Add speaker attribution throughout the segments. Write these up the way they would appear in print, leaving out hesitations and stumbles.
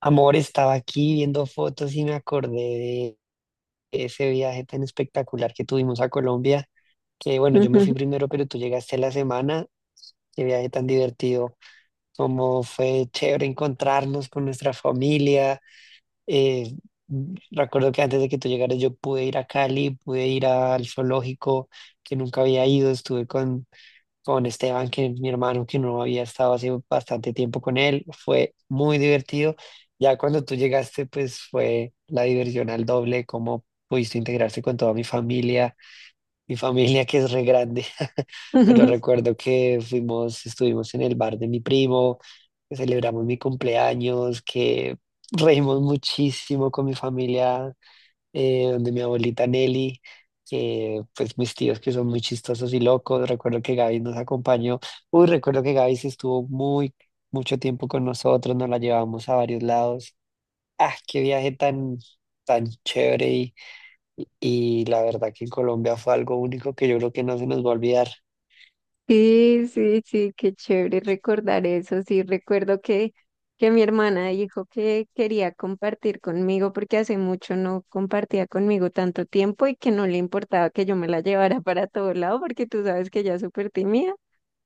Speaker 1: Amor, estaba aquí viendo fotos y me acordé de ese viaje tan espectacular que tuvimos a Colombia. Que bueno, yo me fui
Speaker 2: Ujú.
Speaker 1: primero, pero tú llegaste a la semana. ¡Qué viaje tan divertido, como fue chévere encontrarnos con nuestra familia! eh, Recuerdo que antes de que tú llegaras yo pude ir a Cali, pude ir al zoológico, que nunca había ido. Estuve con Esteban, que es mi hermano, que no había estado hace bastante tiempo con él. Fue muy divertido. Ya cuando tú llegaste, pues fue la diversión al doble, cómo pudiste integrarse con toda mi familia que es re grande. Pero recuerdo que fuimos, estuvimos en el bar de mi primo, que celebramos mi cumpleaños, que reímos muchísimo con mi familia, donde mi abuelita Nelly, que pues mis tíos que son muy chistosos y locos. Recuerdo que Gaby nos acompañó. Uy, recuerdo que Gaby sí estuvo muy, mucho tiempo con nosotros, nos la llevamos a varios lados. Ah, qué viaje tan, tan chévere, y la verdad que en Colombia fue algo único que yo creo que no se nos va a olvidar.
Speaker 2: Sí, sí, sí, qué chévere recordar eso. Sí, recuerdo que mi hermana dijo que quería compartir conmigo porque hace mucho no compartía conmigo tanto tiempo y que no le importaba que yo me la llevara para todo lado porque tú sabes que ella es súper tímida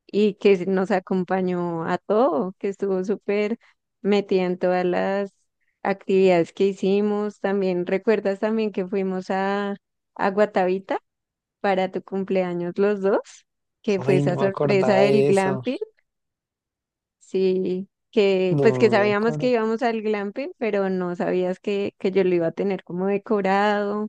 Speaker 2: y que nos acompañó a todo, que estuvo súper metida en todas las actividades que hicimos. También, ¿recuerdas también que fuimos a Guatavita? Para tu cumpleaños los dos, que fue
Speaker 1: Ay, no
Speaker 2: esa
Speaker 1: me
Speaker 2: sorpresa
Speaker 1: acordaba
Speaker 2: del
Speaker 1: de eso.
Speaker 2: glamping, sí, que pues
Speaker 1: No
Speaker 2: que
Speaker 1: me
Speaker 2: sabíamos que
Speaker 1: acuerdo.
Speaker 2: íbamos al glamping, pero no sabías que yo lo iba a tener como decorado,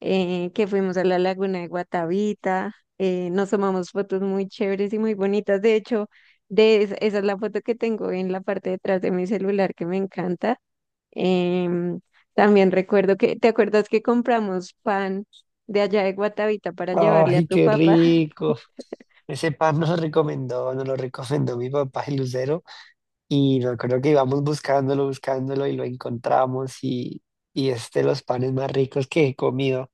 Speaker 2: que fuimos a la laguna de Guatavita, nos tomamos fotos muy chéveres y muy bonitas. De hecho, de esa es la foto que tengo en la parte de atrás de mi celular, que me encanta. Em, También recuerdo que, ¿te acuerdas que compramos pan de allá de Guatavita para llevarle a
Speaker 1: Ay,
Speaker 2: tu
Speaker 1: qué
Speaker 2: papá?
Speaker 1: rico. Ese pan nos lo recomendó mi papá, el Lucero. Y me acuerdo que íbamos buscándolo, buscándolo y lo encontramos, y es de los panes más ricos que he comido.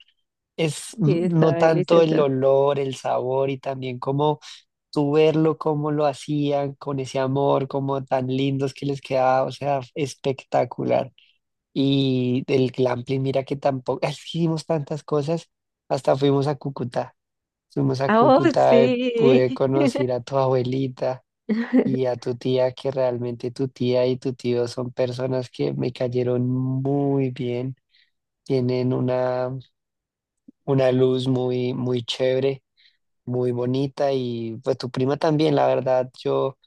Speaker 1: Es
Speaker 2: Sí, está
Speaker 1: no tanto el
Speaker 2: deliciosa.
Speaker 1: olor, el sabor y también como tú verlo, cómo lo hacían con ese amor, como tan lindos que les quedaba. O sea, espectacular. Y el glamping, mira que tampoco, hicimos tantas cosas, hasta fuimos a Cúcuta. Fuimos a
Speaker 2: Ah, oh,
Speaker 1: Cúcuta,
Speaker 2: sí.
Speaker 1: pude conocer a tu abuelita y a tu tía, que realmente tu tía y tu tío son personas que me cayeron muy bien, tienen una luz muy, muy chévere, muy bonita, y pues tu prima también. La verdad, yo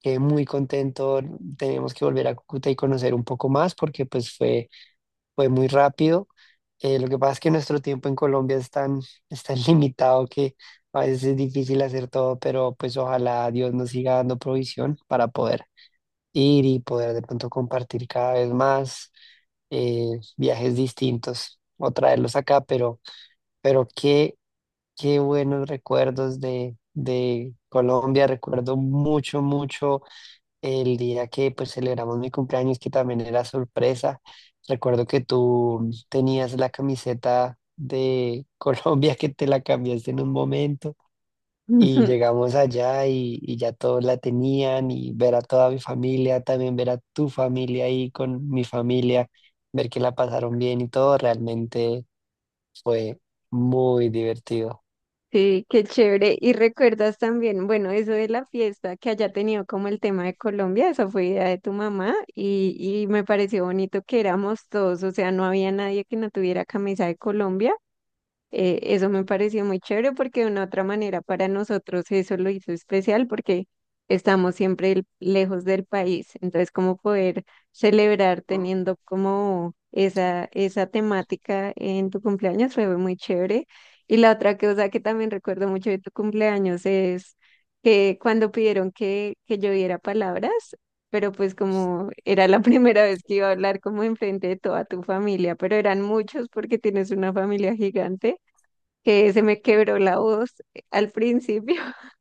Speaker 1: quedé muy contento. Tenemos que volver a Cúcuta y conocer un poco más porque pues fue, fue muy rápido. Lo que pasa es que nuestro tiempo en Colombia es tan limitado que a veces es difícil hacer todo, pero pues ojalá Dios nos siga dando provisión para poder ir y poder de pronto compartir cada vez más viajes distintos o traerlos acá. Pero qué, qué buenos recuerdos de Colombia. Recuerdo mucho, mucho el día que pues celebramos mi cumpleaños, que también era sorpresa. Recuerdo que tú tenías la camiseta de Colombia, que te la cambiaste en un momento. Y llegamos allá y ya todos la tenían, y ver a toda mi familia, también ver a tu familia ahí con mi familia, ver que la pasaron bien y todo, realmente fue muy divertido.
Speaker 2: Sí, qué chévere. Y recuerdas también, bueno, eso de la fiesta, que haya tenido como el tema de Colombia, esa fue idea de tu mamá, y me pareció bonito que éramos todos, o sea, no había nadie que no tuviera camisa de Colombia. Eso me pareció muy chévere porque de una otra manera para nosotros eso lo hizo especial porque estamos siempre lejos del país. Entonces, como poder celebrar teniendo como esa temática en tu cumpleaños fue muy chévere. Y la otra cosa que también recuerdo mucho de tu cumpleaños es que cuando pidieron que yo diera palabras, pero pues como era la primera vez que iba a hablar como enfrente de toda tu familia, pero eran muchos porque tienes una familia gigante, que se me quebró la voz, al principio,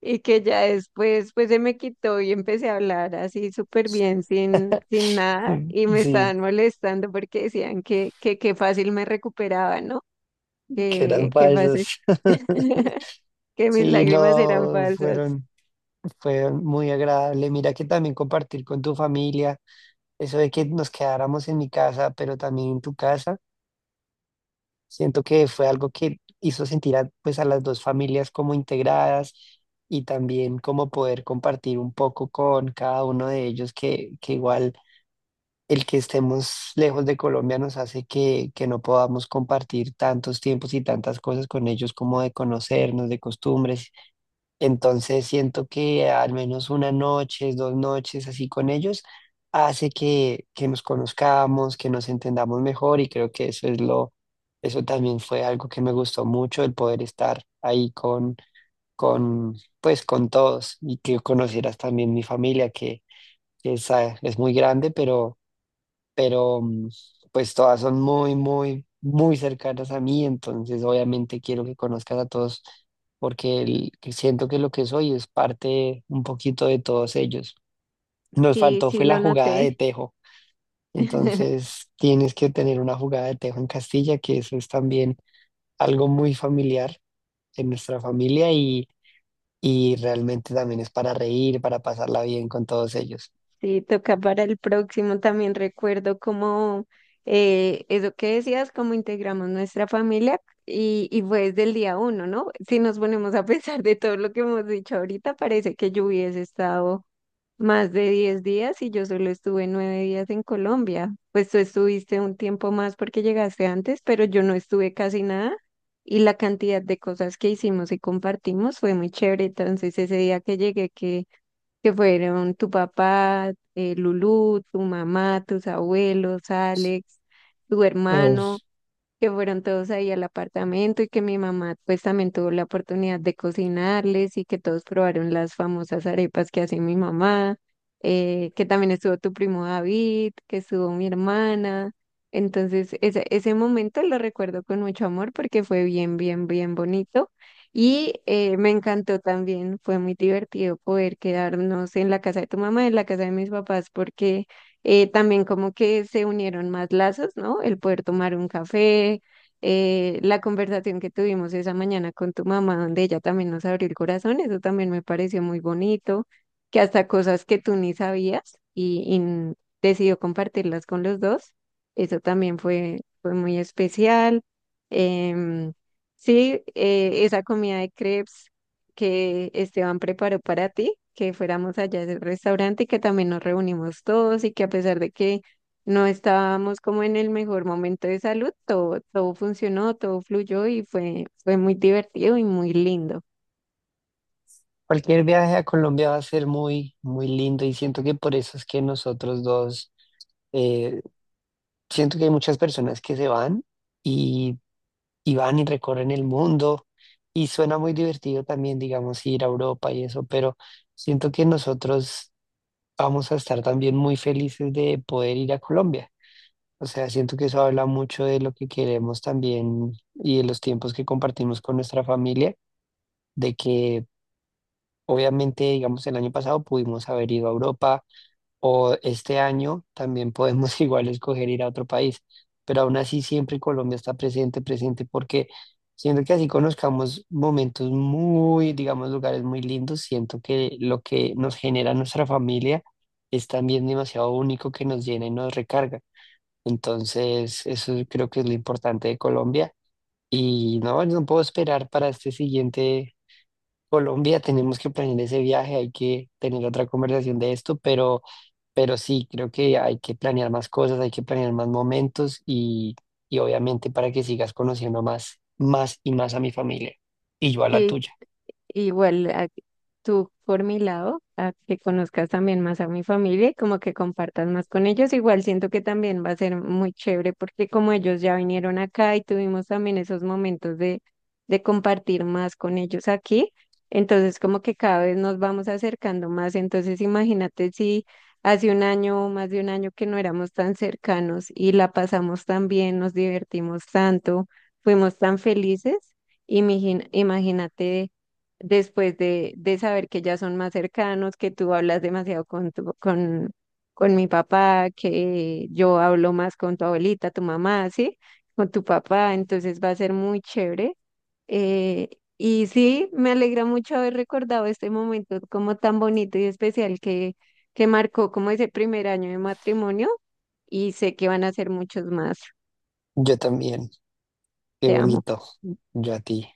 Speaker 2: y que ya después pues se me quitó y empecé a hablar así súper bien, sin nada,
Speaker 1: Mm,
Speaker 2: y me
Speaker 1: sí,
Speaker 2: estaban molestando porque decían que fácil me recuperaba, ¿no?
Speaker 1: que eran
Speaker 2: Que fácil,
Speaker 1: falsos.
Speaker 2: que mis
Speaker 1: Sí,
Speaker 2: lágrimas eran
Speaker 1: no,
Speaker 2: falsas.
Speaker 1: fueron, fueron muy agradable. Mira que también compartir con tu familia, eso de que nos quedáramos en mi casa, pero también en tu casa. Siento que fue algo que hizo sentir a, pues a las dos familias como integradas, y también como poder compartir un poco con cada uno de ellos, que igual el que estemos lejos de Colombia nos hace que no podamos compartir tantos tiempos y tantas cosas con ellos como de conocernos, de costumbres. Entonces siento que al menos una noche, dos noches así con ellos hace que nos conozcamos, que nos entendamos mejor, y creo que eso es lo, eso también fue algo que me gustó mucho, el poder estar ahí con, pues con todos, y que conocieras también mi familia, que es, ah, es muy grande, pero pues todas son muy, muy, muy cercanas a mí, entonces obviamente quiero que conozcas a todos porque que siento que lo que soy es parte un poquito de todos ellos. Nos
Speaker 2: Sí,
Speaker 1: faltó
Speaker 2: sí
Speaker 1: fue la
Speaker 2: lo
Speaker 1: jugada
Speaker 2: noté.
Speaker 1: de tejo, entonces tienes que tener una jugada de tejo en Castilla, que eso es también algo muy familiar en nuestra familia, y realmente también es para reír, para pasarla bien con todos ellos.
Speaker 2: Sí, toca para el próximo. También recuerdo como, eso que decías, cómo integramos nuestra familia, y fue desde el día uno, ¿no? Si nos ponemos a pensar de todo lo que hemos dicho ahorita, parece que yo hubiese estado más de 10 días, y yo solo estuve 9 días en Colombia. Pues tú estuviste un tiempo más porque llegaste antes, pero yo no estuve casi nada, y la cantidad de cosas que hicimos y compartimos fue muy chévere. Entonces ese día que llegué, que fueron tu papá, Lulú, tu mamá, tus abuelos, Alex, tu hermano, que fueron todos ahí al apartamento, y que mi mamá pues también tuvo la oportunidad de cocinarles y que todos probaron las famosas arepas que hace mi mamá, que también estuvo tu primo David, que estuvo mi hermana. Entonces ese momento lo recuerdo con mucho amor porque fue bien, bien, bien bonito, y me encantó también, fue muy divertido poder quedarnos en la casa de tu mamá, en la casa de mis papás porque, también como que se unieron más lazos, ¿no? El poder tomar un café, la conversación que tuvimos esa mañana con tu mamá, donde ella también nos abrió el corazón, eso también me pareció muy bonito, que hasta cosas que tú ni sabías, y decidió compartirlas con los dos, eso también fue, fue muy especial. Em, sí, esa comida de crepes que Esteban preparó para ti, que fuéramos allá al restaurante y que también nos reunimos todos, y que a pesar de que no estábamos como en el mejor momento de salud, todo, todo funcionó, todo fluyó y fue, fue muy divertido y muy lindo.
Speaker 1: Cualquier viaje a Colombia va a ser muy, muy lindo, y siento que por eso es que nosotros dos, eh, siento que hay muchas personas que se van y, y van y recorren el mundo y suena muy divertido también, digamos, ir a Europa y eso, pero siento que nosotros vamos a estar también muy felices de poder ir a Colombia. O sea, siento que eso habla mucho de lo que queremos también y de los tiempos que compartimos con nuestra familia, de que obviamente, digamos, el año pasado pudimos haber ido a Europa, o este año también podemos igual escoger ir a otro país, pero aún así siempre Colombia está presente, presente, porque siento que así conozcamos momentos muy, digamos, lugares muy lindos, siento que lo que nos genera nuestra familia es también demasiado único que nos llena y nos recarga. Entonces, eso creo que es lo importante de Colombia, y no, no puedo esperar para este siguiente Colombia. Tenemos que planear ese viaje, hay que tener otra conversación de esto, pero sí, creo que hay que planear más cosas, hay que planear más momentos, y obviamente para que sigas conociendo más, más y más a mi familia, y yo a la
Speaker 2: Sí,
Speaker 1: tuya.
Speaker 2: igual tú por mi lado, a que conozcas también más a mi familia y como que compartas más con ellos, igual siento que también va a ser muy chévere porque como ellos ya vinieron acá y tuvimos también esos momentos de compartir más con ellos aquí, entonces como que cada vez nos vamos acercando más, entonces imagínate si hace un año o más de un año que no éramos tan cercanos y la pasamos tan bien, nos divertimos tanto, fuimos tan felices, imagínate después de saber que ya son más cercanos, que tú hablas demasiado con mi papá, que yo hablo más con tu abuelita, tu mamá, ¿sí? Con tu papá, entonces va a ser muy chévere. Eh, y sí, me alegra mucho haber recordado este momento como tan bonito y especial, que marcó como ese primer año de matrimonio, y sé que van a ser muchos más.
Speaker 1: Yo también, qué
Speaker 2: Te amo.
Speaker 1: bonito, yo a ti.